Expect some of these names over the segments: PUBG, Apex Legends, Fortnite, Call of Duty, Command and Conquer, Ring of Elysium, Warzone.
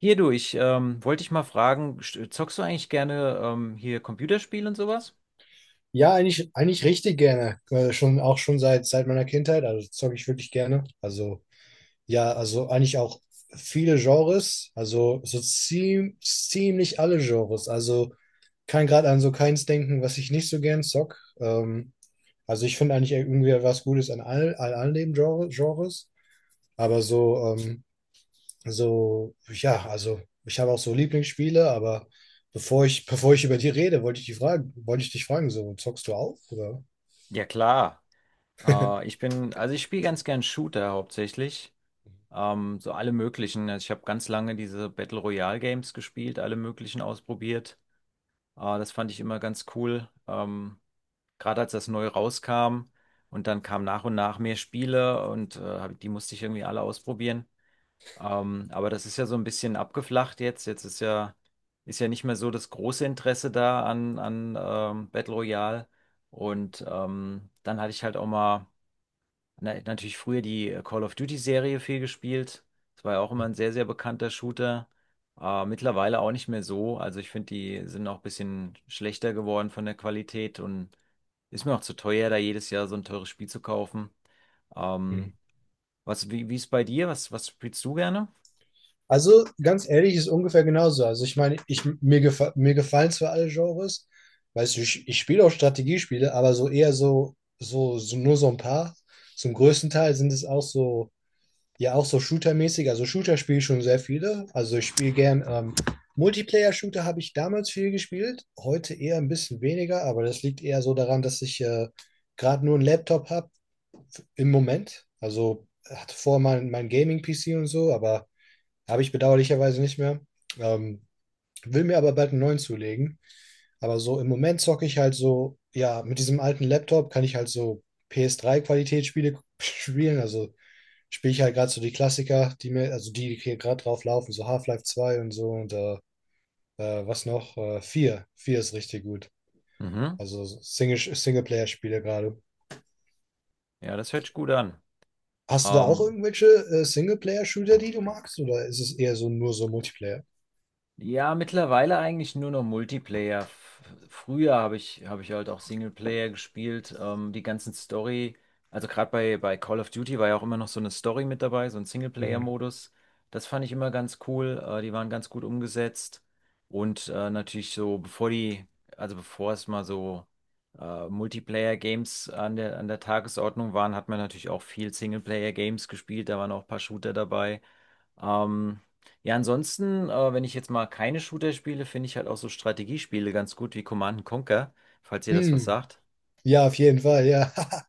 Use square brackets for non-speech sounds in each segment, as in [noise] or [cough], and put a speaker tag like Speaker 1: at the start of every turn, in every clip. Speaker 1: Hier du, ich wollte dich mal fragen, zockst du eigentlich gerne hier Computerspiele und sowas?
Speaker 2: Ja, eigentlich richtig gerne. Schon, auch schon seit meiner Kindheit. Also zocke ich wirklich gerne. Also eigentlich auch viele Genres. Also so ziemlich alle Genres. Also kann gerade an so keins denken, was ich nicht so gern zock. Also ich finde eigentlich irgendwie was Gutes an all den Genres. Aber also ich habe auch so Lieblingsspiele, aber bevor ich über die rede, wollte ich dich fragen, so zockst du auch, oder?
Speaker 1: Ja klar. Also ich spiele ganz gern Shooter hauptsächlich. So alle möglichen. Also ich habe ganz lange diese Battle Royale Games gespielt, alle möglichen ausprobiert. Das fand ich immer ganz cool. Gerade als das neu rauskam und dann kamen nach und nach mehr Spiele und die musste ich irgendwie alle ausprobieren. Aber das ist ja so ein bisschen abgeflacht jetzt. Jetzt ist ja nicht mehr so das große Interesse da an Battle Royale. Und dann hatte ich halt auch mal natürlich früher die Call of Duty-Serie viel gespielt. Das war ja auch immer ein sehr, sehr bekannter Shooter. Mittlerweile auch nicht mehr so. Also ich finde, die sind auch ein bisschen schlechter geworden von der Qualität und ist mir auch zu teuer, da jedes Jahr so ein teures Spiel zu kaufen.
Speaker 2: Mhm.
Speaker 1: Ähm, Wie ist bei dir? Was, was spielst du gerne?
Speaker 2: Also ganz ehrlich, ist ungefähr genauso. Also ich meine, ich, mir, gefa mir gefallen zwar alle Genres, weißt du, ich spiele auch Strategiespiele, aber so eher so nur so ein paar. Zum größten Teil sind es auch so, ja auch so Shooter-mäßig. Also Shooter spiele ich schon sehr viele. Also ich spiele gern Multiplayer-Shooter habe ich damals viel gespielt, heute eher ein bisschen weniger, aber das liegt eher so daran, dass ich gerade nur einen Laptop habe im Moment. Also hatte vorher mal mein Gaming-PC und so, aber habe ich bedauerlicherweise nicht mehr. Ähm, Will mir aber bald einen neuen zulegen. Aber so im Moment zocke ich halt so, ja, mit diesem alten Laptop kann ich halt so PS3-Qualitätsspiele [laughs] spielen. Also spiele ich halt gerade so die Klassiker, die mir, also die hier gerade drauf laufen, so Half-Life 2 und so und was noch? Vier 4 ist richtig gut.
Speaker 1: Mhm.
Speaker 2: Also Singleplayer-Spiele gerade.
Speaker 1: Ja, das hört sich gut an.
Speaker 2: Hast du da auch
Speaker 1: Ähm,
Speaker 2: irgendwelche Singleplayer-Shooter, die du magst? Oder ist es eher so nur so Multiplayer?
Speaker 1: ja, mittlerweile eigentlich nur noch Multiplayer. F früher habe ich halt auch Singleplayer gespielt. Die ganzen Story, also gerade bei Call of Duty war ja auch immer noch so eine Story mit dabei, so ein
Speaker 2: Hm.
Speaker 1: Singleplayer-Modus. Das fand ich immer ganz cool. Die waren ganz gut umgesetzt. Und natürlich so, bevor die, also bevor es mal so Multiplayer-Games an der Tagesordnung waren, hat man natürlich auch viel Singleplayer-Games gespielt. Da waren auch ein paar Shooter dabei. Ähm, ja, ansonsten, wenn ich jetzt mal keine Shooter spiele, finde ich halt auch so Strategiespiele ganz gut wie Command and Conquer, falls ihr das was
Speaker 2: Hm.
Speaker 1: sagt.
Speaker 2: Ja, auf jeden Fall, ja. [laughs]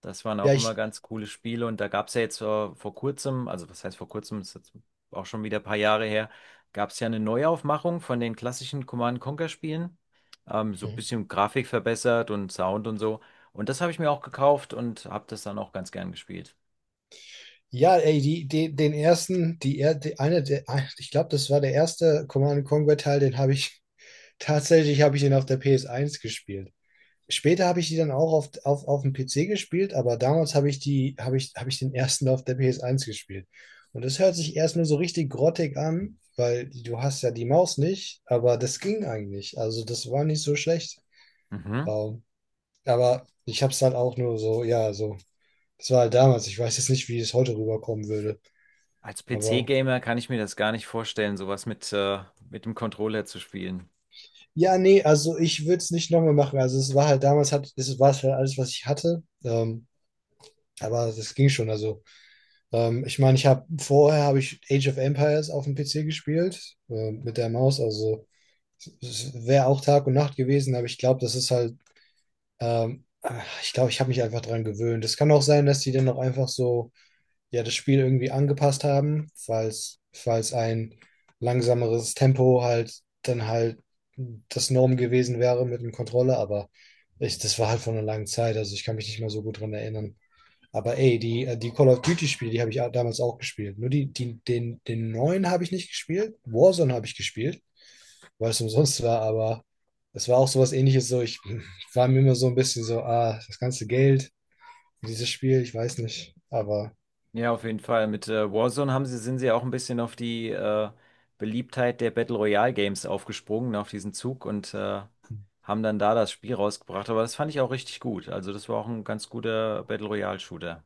Speaker 1: Das waren
Speaker 2: Ja,
Speaker 1: auch immer
Speaker 2: ich.
Speaker 1: ganz coole Spiele und da gab es ja jetzt vor kurzem, also was heißt vor kurzem, ist jetzt auch schon wieder ein paar Jahre her, gab es ja eine Neuaufmachung von den klassischen Command and Conquer Spielen. So ein
Speaker 2: Mhm.
Speaker 1: bisschen Grafik verbessert und Sound und so. Und das habe ich mir auch gekauft und habe das dann auch ganz gern gespielt.
Speaker 2: Ja, ey, die, die, den ersten, die, er- die eine, der, ein- ich glaube, das war der erste Command Conquer Teil, den habe ich [laughs] tatsächlich habe ich den auf der PS1 gespielt. Später habe ich die dann auch auf dem PC gespielt, aber damals habe ich habe ich den ersten auf der PS1 gespielt. Und das hört sich erstmal so richtig grottig an, weil du hast ja die Maus nicht, aber das ging eigentlich. Also das war nicht so schlecht.
Speaker 1: Mhm.
Speaker 2: Ähm, aber ich habe es halt auch nur so, ja, so. Das war halt damals. Ich weiß jetzt nicht, wie es heute rüberkommen würde.
Speaker 1: Als
Speaker 2: Aber
Speaker 1: PC-Gamer kann ich mir das gar nicht vorstellen, sowas mit dem Controller zu spielen.
Speaker 2: ja, nee, also ich würde es nicht nochmal machen. Es war halt alles, was ich hatte. Aber das ging schon. Also ich meine, ich habe vorher habe ich Age of Empires auf dem PC gespielt mit der Maus. Also es wäre auch Tag und Nacht gewesen, aber ich glaube, das ist halt, ich glaube, ich habe mich einfach dran gewöhnt. Es kann auch sein, dass die dann noch einfach so ja das Spiel irgendwie angepasst haben, falls ein langsameres Tempo halt dann halt das Norm gewesen wäre mit dem Controller, aber das war halt von einer langen Zeit, also ich kann mich nicht mehr so gut dran erinnern. Aber die Call of Duty-Spiele, die habe ich auch damals auch gespielt. Nur den neuen habe ich nicht gespielt. Warzone habe ich gespielt, weil es umsonst war, aber es war auch sowas ähnliches. So, war mir immer so ein bisschen so, ah, das ganze Geld, dieses Spiel, ich weiß nicht. Aber
Speaker 1: Ja, auf jeden Fall. Mit Warzone sind sie auch ein bisschen auf die Beliebtheit der Battle Royale Games aufgesprungen, auf diesen Zug und haben dann da das Spiel rausgebracht. Aber das fand ich auch richtig gut. Also das war auch ein ganz guter Battle Royale Shooter.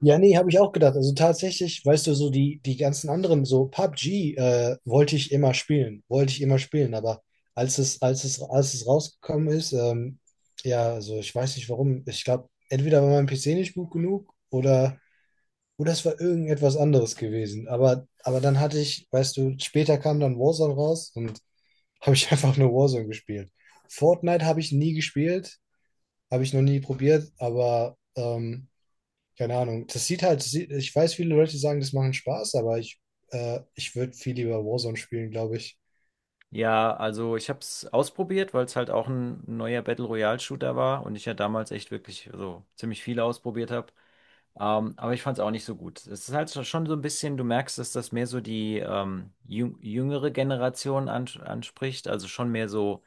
Speaker 2: ja, nee, habe ich auch gedacht. Also tatsächlich, weißt du, so die ganzen anderen, so PUBG, wollte ich immer spielen, wollte ich immer spielen, aber als es rausgekommen ist, ja, also ich weiß nicht warum. Ich glaube, entweder war mein PC nicht gut genug oder es war irgendetwas anderes gewesen. Aber dann hatte ich, weißt du, später kam dann Warzone raus und habe ich [laughs] einfach nur Warzone gespielt. Fortnite habe ich nie gespielt, habe ich noch nie probiert, aber keine Ahnung. Das sieht halt, sie- ich weiß, viele Leute sagen, das macht Spaß, aber ich würde viel lieber Warzone spielen, glaube ich.
Speaker 1: Ja, also ich habe es ausprobiert, weil es halt auch ein neuer Battle Royale Shooter war und ich ja damals echt wirklich so ziemlich viel ausprobiert habe. Aber ich fand es auch nicht so gut. Es ist halt so- schon so ein bisschen, du merkst, dass das mehr so die jüngere Generation anspricht, also schon mehr so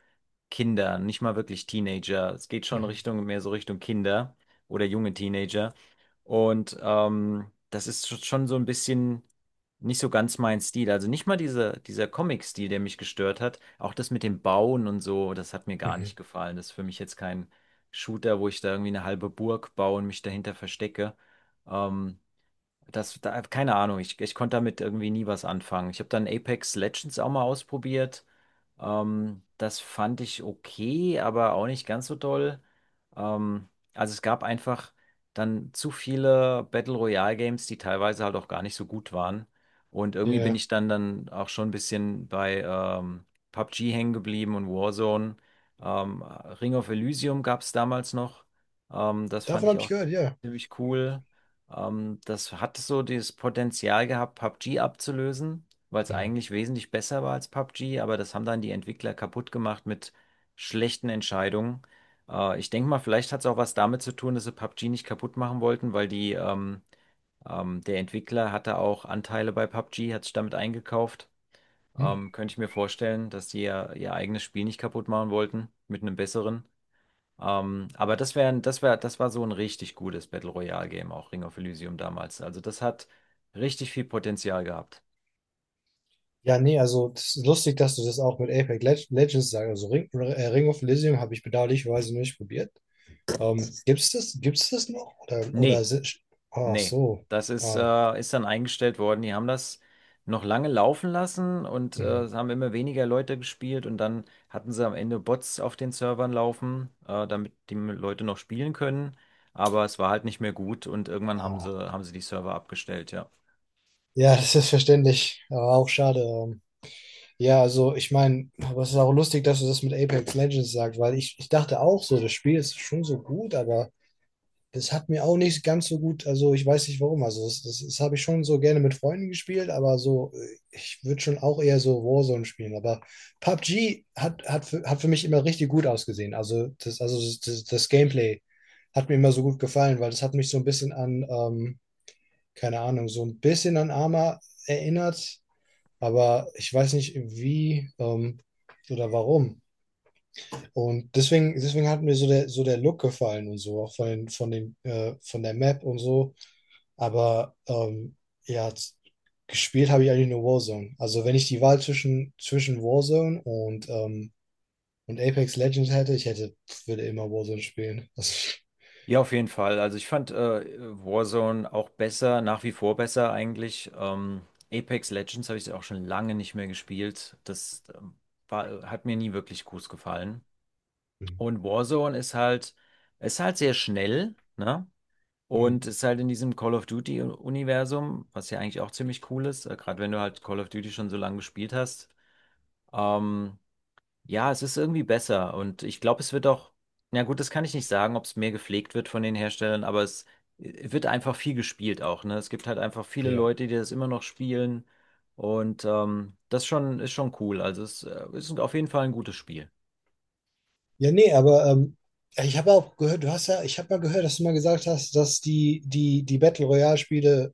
Speaker 1: Kinder, nicht mal wirklich Teenager. Es geht schon
Speaker 2: Mhm.
Speaker 1: Richtung, mehr so Richtung Kinder oder junge Teenager. Und das ist schon so ein bisschen nicht so ganz mein Stil. Also nicht mal dieser Comic-Stil, der mich gestört hat. Auch das mit dem Bauen und so, das hat mir gar nicht
Speaker 2: Mhm.
Speaker 1: gefallen. Das ist für mich jetzt kein Shooter, wo ich da irgendwie eine halbe Burg baue und mich dahinter verstecke. Ähm, das, da, keine Ahnung, ich konnte damit irgendwie nie was anfangen. Ich habe dann Apex Legends auch mal ausprobiert. Das fand ich okay, aber auch nicht ganz so toll. Ähm, also es gab einfach dann zu viele Battle Royale Games, die teilweise halt auch gar nicht so gut waren. Und irgendwie bin
Speaker 2: Ja.
Speaker 1: ich dann auch schon ein bisschen bei PUBG hängen geblieben und Warzone. Ring of Elysium gab es damals noch. Das fand
Speaker 2: Davon
Speaker 1: ich
Speaker 2: habe ich
Speaker 1: auch
Speaker 2: gehört, ja.
Speaker 1: ziemlich cool. Das hat so dieses Potenzial gehabt, PUBG abzulösen, weil es
Speaker 2: Mhm.
Speaker 1: eigentlich wesentlich besser war als PUBG, aber das haben dann die Entwickler kaputt gemacht mit schlechten Entscheidungen. Ich denke mal, vielleicht hat es auch was damit zu tun, dass sie PUBG nicht kaputt machen wollten, weil der Entwickler hatte auch Anteile bei PUBG, hat sich damit eingekauft.
Speaker 2: Hm.
Speaker 1: Könnte ich mir vorstellen, dass die ihr eigenes Spiel nicht kaputt machen wollten mit einem besseren. Aber das wäre, das wär, das war so ein richtig gutes Battle Royale Game, auch Ring of Elysium damals. Also das hat richtig viel Potenzial gehabt.
Speaker 2: Ja, nee, also das ist lustig, dass du das auch mit Apex Leg- Legends sagst. Also Ring of Elysium habe ich bedauerlicherweise nicht probiert. Ähm, Gibt's das, gibt's das noch? Oder
Speaker 1: Nee,
Speaker 2: si- ach
Speaker 1: nee.
Speaker 2: so.
Speaker 1: Das ist,
Speaker 2: Ah.
Speaker 1: ist dann eingestellt worden. Die haben das noch lange laufen lassen und
Speaker 2: Mhm.
Speaker 1: es haben immer weniger Leute gespielt und dann hatten sie am Ende Bots auf den Servern laufen, damit die Leute noch spielen können. Aber es war halt nicht mehr gut und irgendwann
Speaker 2: Ah.
Speaker 1: haben sie die Server abgestellt, ja.
Speaker 2: Ja, das ist verständlich, aber auch schade. Ja, also ich meine, aber es ist auch lustig, dass du das mit Apex Legends sagst, weil ich dachte auch so, das Spiel ist schon so gut, aber das hat mir auch nicht ganz so gut, also ich weiß nicht warum, also das habe ich schon so gerne mit Freunden gespielt, aber so, ich würde schon auch eher so Warzone spielen, aber PUBG hat, hat, für, hat für mich immer richtig gut ausgesehen, also das Gameplay hat mir immer so gut gefallen, weil das hat mich so ein bisschen an, keine Ahnung, so ein bisschen an Arma erinnert, aber ich weiß nicht, wie oder warum. Und deswegen hat mir so der Look gefallen und so, auch von der Map und so. Aber ja, z- gespielt habe ich eigentlich nur Warzone. Also wenn ich die Wahl zwischen Warzone und Apex Legends hätte, würde immer Warzone spielen. [laughs] Das.
Speaker 1: Ja, auf jeden Fall. Also ich fand Warzone auch besser, nach wie vor besser eigentlich. Apex Legends habe ich auch schon lange nicht mehr gespielt. Das hat mir nie wirklich gut gefallen.
Speaker 2: Mhm.
Speaker 1: Und ist halt sehr schnell, ne?
Speaker 2: Hm.
Speaker 1: Und ist halt in diesem Call of Duty-Universum, was ja eigentlich auch ziemlich cool ist, gerade wenn du halt Call of Duty schon so lange gespielt hast. Ähm, ja, es ist irgendwie besser und ich glaube, es wird auch, na gut, das kann ich nicht sagen, ob es mehr gepflegt wird von den Herstellern, aber es wird einfach viel gespielt auch, ne? Es gibt halt einfach viele
Speaker 2: Ja.
Speaker 1: Leute, die das immer noch spielen und das ist schon cool. Also es ist auf jeden Fall ein gutes Spiel.
Speaker 2: Ja, nee, aber ich habe auch gehört, ich habe mal gehört, dass du mal gesagt hast, dass die Battle Royale-Spiele,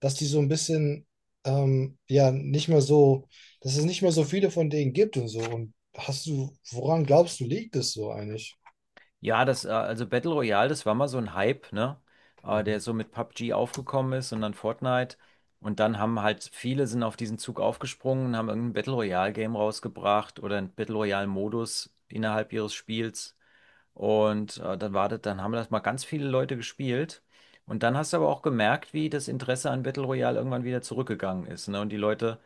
Speaker 2: dass die so ein bisschen, ja, nicht mehr so, dass es nicht mehr so viele von denen gibt und so. Und hast du, woran glaubst du, liegt es so eigentlich?
Speaker 1: Also Battle Royale, das war mal so ein Hype, ne? Der
Speaker 2: Mhm.
Speaker 1: so mit PUBG aufgekommen ist und dann Fortnite. Und dann haben halt viele sind auf diesen Zug aufgesprungen, und haben irgendein Battle Royale Game rausgebracht oder ein Battle Royale Modus innerhalb ihres Spiels. Und dann war das, dann haben das mal ganz viele Leute gespielt. Und dann hast du aber auch gemerkt, wie das Interesse an Battle Royale irgendwann wieder zurückgegangen ist, ne? Und die Leute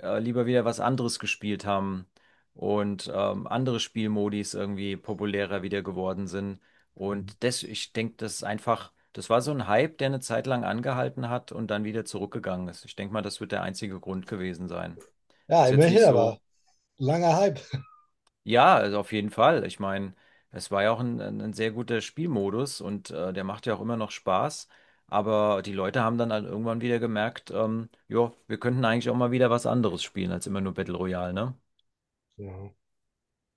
Speaker 1: lieber wieder was anderes gespielt haben und andere Spielmodis irgendwie populärer wieder geworden sind.
Speaker 2: Mhm.
Speaker 1: Und das, ich denke, das ist einfach, das war so ein Hype, der eine Zeit lang angehalten hat und dann wieder zurückgegangen ist. Ich denke mal, das wird der einzige Grund gewesen sein.
Speaker 2: Ja,
Speaker 1: Ist jetzt nicht
Speaker 2: immerhin,
Speaker 1: so.
Speaker 2: aber langer Hype.
Speaker 1: Ja, also auf jeden Fall. Ich meine, es war ja auch ein sehr guter Spielmodus und der macht ja auch immer noch Spaß. Aber die Leute haben dann halt irgendwann wieder gemerkt, ja, wir könnten eigentlich auch mal wieder was anderes spielen als immer nur Battle Royale, ne?
Speaker 2: Ja.